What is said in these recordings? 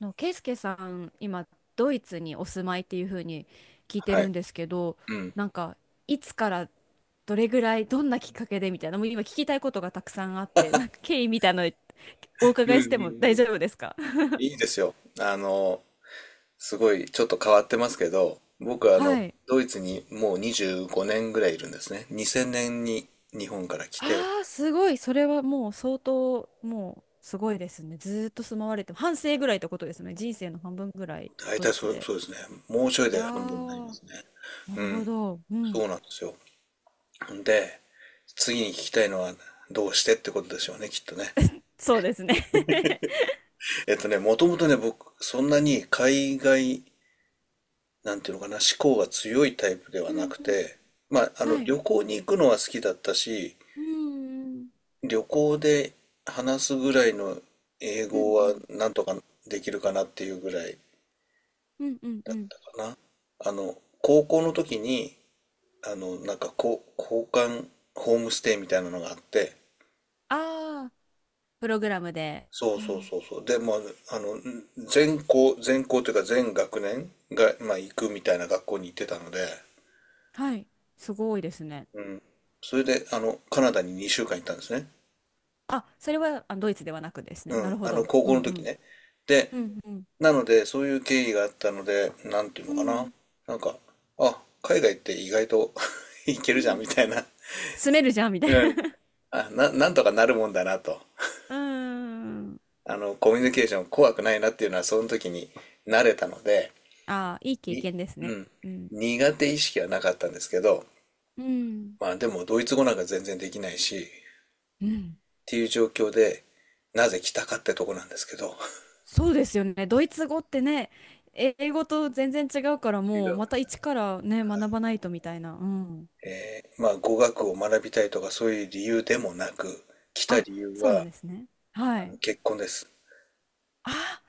の、ケイスケさん、今、ドイツにお住まいっていうふうに聞いてはるい。んですけど、うん。なんか、いつからどれぐらい、どんなきっかけでみたいな、もう今聞きたいことがたくさんあって、なんか経緯みたいなのおう伺んういしてんも大う丈ん。夫ですか？いいですよ。あの、すごいちょっと変わってますけど、僕ははい。ドイツにもう25年ぐらいいるんですね。2000年に日本から来て、ああ、すごい。それはもう相当、もうすごいですね。ずーっと住まわれて、半生ぐらいってことですね。人生の半分ぐらい、大ド体イそツう、で。そうですね。もうちょいいやで半分になりまー、すね。なうるほん。ど。うん。そうなんですよ。で、次に聞きたいのはどうしてってことでしょうね、きっとね。そうですね。 もともとね、僕、そんなに海外なんていうのかな、思考が強いタイプで はうんなくうん。て、まあ、はい。旅行に行くのは好きだったし、うんうん旅行で話すぐらいの英うん語うはんなんとかできるかなっていうぐらいうんうんうだっん。たかな。あの、高校の時に、なんかこう、交換ホームステイみたいなのがあって、ああー、プログラムで。そううそうん。そうそう。で、まあ、あの、全校、全校というか全学年が、まあ、行くみたいな学校に行ってたので、はい。すごいですね。うん。それで、カナダに2週間行ったんですね。あ、それはあドイツではなくですね。うなん、るほど。高う校んのう時ん。ね。で、うんうん。なので、そういう経緯があったので、なんていううのかな。んなんか、あ、海外って意外と いけうるじゃん、ん。みたいな。住めるじゃん、みたいうな。ん。あ、なんとかなるもんだなと。うーん。コミュニケーション怖くないなっていうのは、その時に慣れたので、ああ、いい経に、験ですうね。ん。うん。苦手意識はなかったんですけど、うん。まあでも、ドイツ語なんか全然できないし、っうん。ていう状況で、なぜ来たかってとこなんですけど。そうですよね。ドイツ語ってね、英語と全然違うから、違もううんまでたすね。一からね、学ばないとみたいな。うん。まあ、語学を学びたいとかそういう理由でもなく、来たあ、理由そうなんは、ですね。はい。結婚です。あ、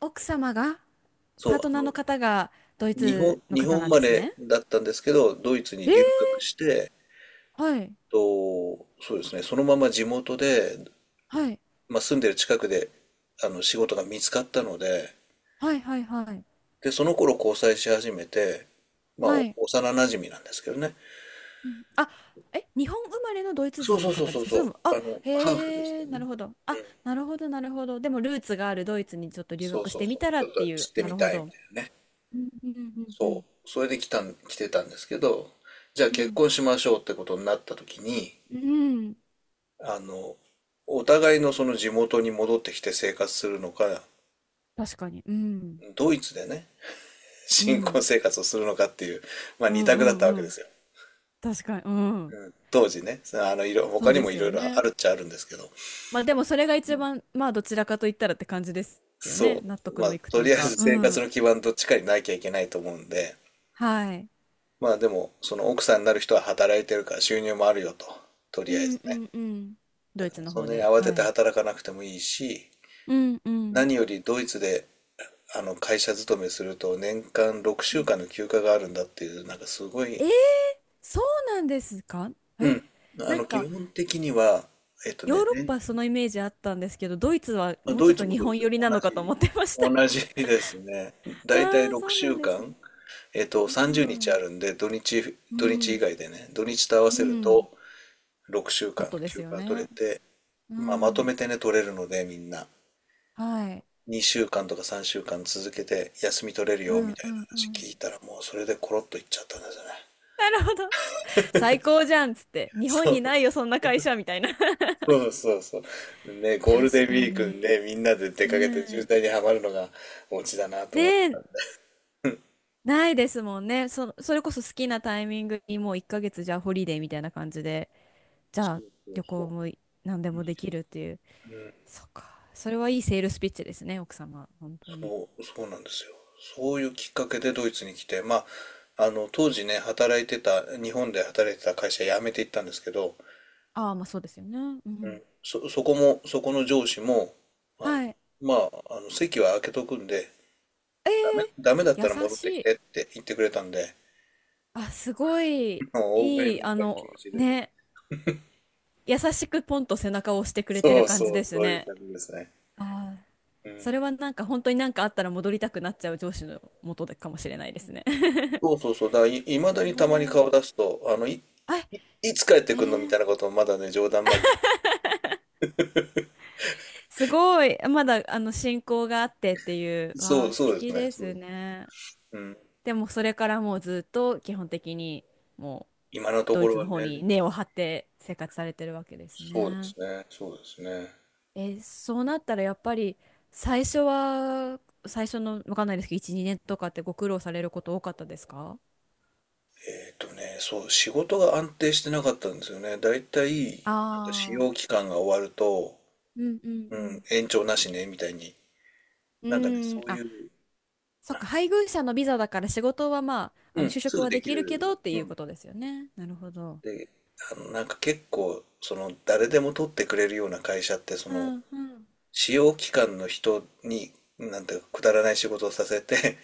奥様が。そパう、ートナーの方がドイツの日方本生なんでますれね。だったんですけど、ドイツにえ留ー、学して、はい。そうですね、そのまま地元で、はい。まあ、住んでる近くで、仕事が見つかったので、はいはいはい。で、その頃交際し始めて、まあ、はおい。幼馴染なんですけどね。うん、あ、え、日本生まれのドイツそう人そのうそう方でそすうか？そそれう、とも、あ、ハーフですへよえ、なね。るほど。うあ、ん、なるほど、なるほど。でも、ルーツがあるドイツにちょっと留そう学しそうてそみう、たらちょっってとい知う、ってなみるほたいみど。たいなね。うんうんうんうんそう、それで来てたんですけど、じゃあう結ん。婚しましょうってことになった時に、うん。あの、お互いのその地元に戻ってきて生活するのか、確かに。うん。ドイツでね、う新婚ん。生活をするのかっていう、まあう二んう択だっんたわけうでん。すよ。確かに。うん。うん、当時ね、そ他うにでもいすろよいろあね。るっちゃあるんですけど、まあでもそれが一番、まあどちらかと言ったらって感じですよね。そ納う、得まあのいくとといりうあえか。ずう生活ん。の基盤どっちかになきゃいけないと思うんで、はい。まあでも、その奥さんになる人は働いてるから収入もあるよと、とりうあえんずうね。んうん。ドだイかツらのそん方なにで。慌てはてい。働かなくてもいいし、うんうん何よりドイツで会社勤めすると年間6う週ん。間の休暇があるんだっていう、なんかすごえい、ー、そうなんですか？うえ、ん、なん基か本的には、えっとヨーね、ロッ年パそのイメージあったんですけど、ドイツはもうちドょイっツとも日そうで本す寄よ。りなのかと思ってました。同じですね。だいたいああ、そう6なん週ですね。間、う30日あん。るんで、う土日以ん。外でね、土日と合わうせるん。と6週もっ間とです休よ暇取れね。て、うまあ、まとん。めてね、取れるので、みんな。はい。2週間とか3週間続けて休み取れるうよんみたいうなんう話聞いん。たらもうそれでコロッといっちゃったんですよね。なるほど。最高じゃんっつって、日本そにうないよ、そんな会社みたいな。そうそうそう。ね、ゴールデ確ンウかィークにに。ね、みんなで出うかけて渋ん。滞にはまるのがオチだなとね思って。え、ないですもんね。そ、それこそ好きなタイミングにもう1ヶ月じゃあホリデーみたいな感じで、じそゃあうそう旅行そもい何でう。もできるっていう。うん、そっか。それはいいセールスピッチですね、奥様。本当に。そう、そうなんですよ。そういうきっかけでドイツに来て、まあ、当時ね、働いてた、日本で働いてた会社辞めていったんですけど、ああ、まあそうですよね。ううん、ん。そこも、そこの上司も、あの、はい。まあ、席は空けとくんで、えー、ダメだったら優戻っしてきい。てって言ってくれたんで、あ、すごい、もう大食いいい、なあ気持の、ちで。ね、優しくポンと背中を押してくれてそるう感じそう、ですそういうね。感じですね。あー、うそん。れはなんか本当になんかあったら戻りたくなっちゃう上司の元でかもしれないですね。そうそうそう。だからい ますだにたまにごい。顔出すと、あ、いつ帰っえてくんのみたー、いなことをまだね、冗談交じり。すごい。まだあの進行があってっていう、わそう、あ、素そうです敵ね。でそうすです。ね。うん。でもそれからもうずっと基本的にも今うのとドこイろツはの方にね、根を張って生活されてるわけですそうでね。すね。そうですね。え、そうなったらやっぱり最初は、最初のわかんないですけど、1、2年とかってご苦労されること多かったですか？そう、仕事が安定してなかったんですよね。だいたい、なんか使あ用期あ間が終わると、ー、うんうんううん、ん。延長なしね、みたいに。うなんかね、ーん、そういあ、う、そっか、配偶者のビザだから仕事はまあ、あうのん、就す職ぐはででききるける。どってういうこん。とですよね。なるほど。で、なんか結構、その、誰でも取ってくれるような会社って、そうの、んうん。使用期間の人に、なんていうか、くだらない仕事をさせて、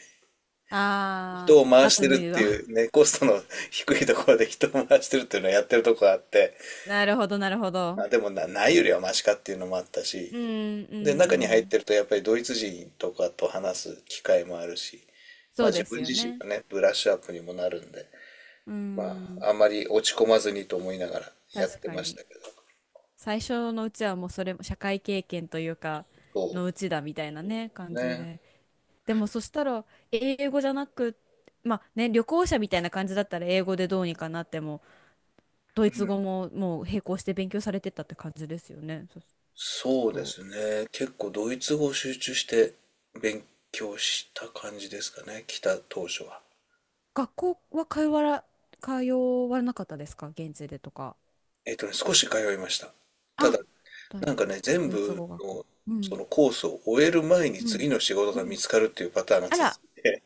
ああ、人を回雑して務るっ言うていわ。う、ね、コストの 低いところで人を回してるっていうのをやってるとこがあって、なるほど、なるほど。まあでもないよりはマシかっていうのもあったし、うんうで、んう中に入っん。てるとやっぱりドイツ人とかと話す機会もあるし、そまあう自です分よ自身ね。のね、ブラッシュアップにもなるんで、うまん、あ、あんまり落ち込まずにと思いながらや確ってかましに。たけど。最初のうちはもうそれも社会経験というか、そのうちだみたいなうでね、す感じで。ね。でもそしたら、英語じゃなく、まあね、旅行者みたいな感じだったら英語でどうにかなっても、ドイうツん語ももう並行して勉強されてたって感じですよね。そ、きっそうでと。すね。結構ドイツ語を集中して勉強した感じですかね。来た当初は。学校は通わら、通わなかったですか現地でとか。少し通いました。ただ、あ、ド、なんかね、全ドイツ部語学校。のうそん、のコースを終える前にう次ん、の仕事うが見ん。つかるっていうパターンがあ続ら、いて、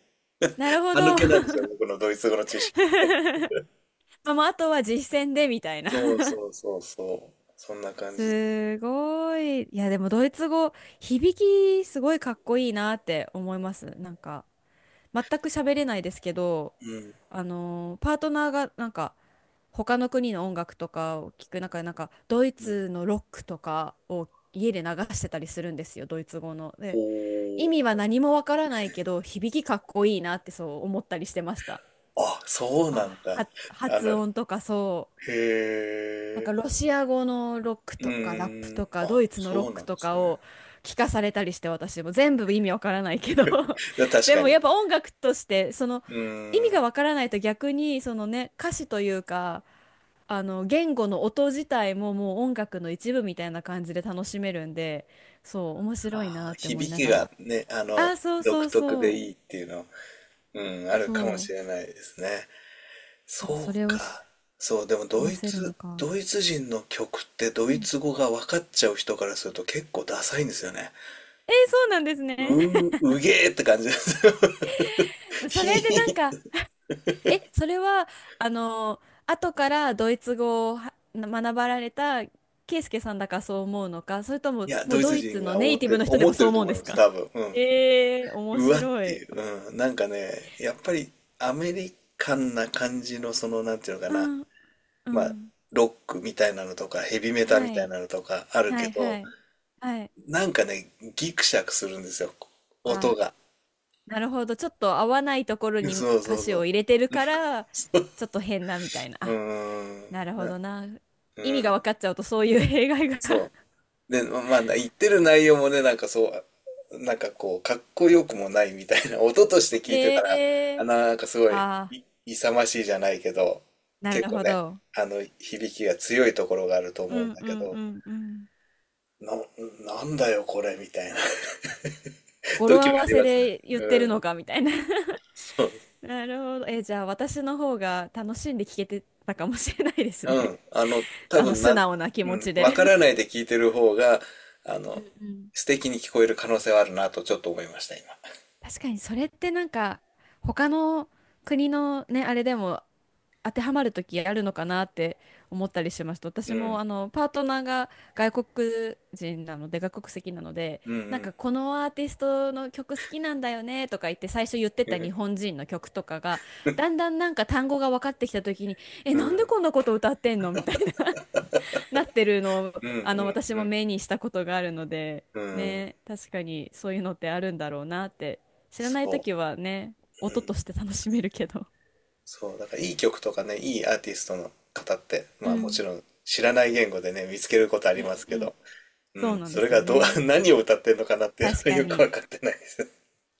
なるほ歯ど。抜けなんですよ、僕のドイツ語の知識。まあ、もうあとは実践でみたいな。 そうそうそうそう。そんな 感じ。すごい。いや、でもドイツ語、響きすごいかっこいいなって思います。全く喋れないですけど、うん。あのーパートナーがなんか他の国の音楽とかを聞く中でなんかドイうん。ツのロックとかを家で流してたりするんですよ、ドイツ語の。で、意ほ味はう。何もわからないけど響きかっこいいなってそう思ったりしてました。あ、そうあ、なんだ。はあ発の、音とかそう。へなんかえ、ロシア語のロックうとかラップーん、とかあ、ドイツのロッそうなクんでとすかね。を聞かされたりして私も全部意味わからないけど、 確でかもに。やっぱ音楽としてそのう意味ーん、がわからないと逆にそのね歌詞というか、あの言語の音自体ももう音楽の一部みたいな感じで楽しめるんで、そう面白いあなー、って思い響なきががら。ね、あー、そう独そう特そでういいっていうの、うん、あるそかもう。しれないですね。でもそそれうをしか。そう、でも話せるのか？ドイツ人の曲ってドうイん、ツ語が分かっちゃう人からすると結構ダサいんですよね。えー、そうなんですね。 うー、うげーって感じですよ。それでなんひか、ー。え、それは、あの、後からドイツ語をは学ばれたケイスケさんだからそう思うのか、それといも、や、もドうイドツイツ人のがネイティブの人で思っもてそうると思うん思でいすます、か？多分。うん。えー、面うわっ白てい。いう。うん。なんかね、やっぱりアメリカンな感じのその、なんていうのかうな。ん、うまあ、ん。ロックみたいなのとか、ヘビメタみはたいい、なのとかあるはけい、はど、い、はい。なんかね、ギクシャクするんですよ。音あ、が。なるほど。ちょっと合わないところそにう歌そう詞そう。を入れてるから、ちょっと変なみたいな。うあ、ーん。なるほどな。う意味がん。分かっちゃうとそういう 弊害が。 そう。で、まあ、言ってる内容もね、なんかそう、なんかこう、かっこよくもないみたいな、音として 聞いてたら、えあ、ー、なんかすごい、あ勇ましいじゃないけど、ー、な結る構ほね、ど。響きが強いところがあるとう思うんんだうけんうど、んうん。な、なんだよこれ、みたいな 語呂時合もあわりせますね。で言ってうるん。のかみたいな。 そう。なるほど。え、じゃあ私の方が楽しんで聞けてたかもしれないですうね。ん。多あの分な、素う直な気持ん、ちわかで。らないで聞いてる方が、あうの、んうん。素敵に聞こえる可能性はあるなとちょっと思いました、今。確かにそれってなんか他の国のね、あれでも当てはまる時あるのかなって思ったりしました。う私もん。あのパートナーが外国人なので外国籍なので、うんうなんん。かこのアーティストの曲好きなんだよねとか言って最初言ってうた日ん。本人の曲とかがだんだんなんか単語が分かってきた時に、えうなんでんこんなこと歌ってんのみたいな なってるのをうんうあの私もん目にしたことがあるので、うんうんね、確かにそういうのってあるんだろうなって。知らないそ時はね、う、音うん、として楽しめるけど。そうだからいい曲とかねいいアーティストの方ってうまあもちんろん知らない言語でね見つけることあうりんますけうん。ど、うそうん、なんでそれすよがどう ね。何を歌ってるのかなっていうの確はかよくに、分かってないです。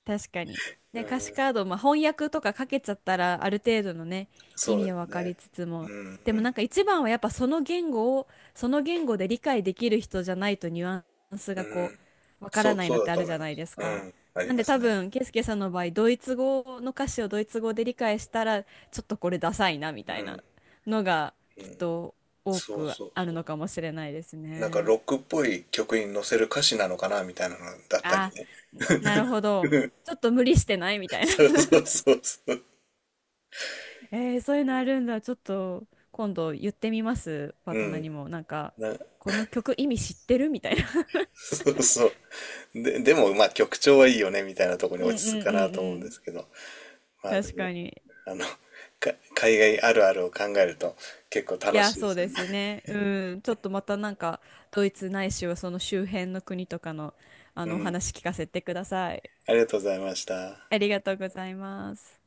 確かに。うね、ん、歌詞カード、まあ、翻訳とかかけちゃったら、ある程度のね、意そう味でをす分かね。りつつうも、んでうもんなんか一番はやっぱその言語を、その言語で理解できる人じゃないとニュアンスうがこん、う、分からそうないのそうっだてあとる思じいゃなまいす。ですうか。ん、ありなんまです多ね。分、ケイスケさんの場合、ドイツ語の歌詞をドイツ語で理解したら、ちょっとこれダサいな、みたういなん、のが、きっと多そうくそうあるそう。のかもしれないですなんかね。ロックっぽい曲に載せる歌詞なのかなみたいなのだったりあ、ね。なるほ ど。うんちょっと無理してないみたいな。 そうそう そうそう。えー、そういうのあるんだ。ちょっと今度言ってみます。パーうトナーん。にも。な、この曲意味知ってるみたいな。そうそう。でも、まあ、曲調はいいよね、みたいなとこ うろんにう落んち着くかうなんと思ううんでん。すけど、まあ、で確も、かに。あの、海外あるあるを考えると結構い楽や、しいでそうすよでね。すね。うん。ちょっとまたなんか、ドイツないしはその周辺の国とかの、あうの、おん。話聞かせてください。ありがとうございました。ありがとうございます。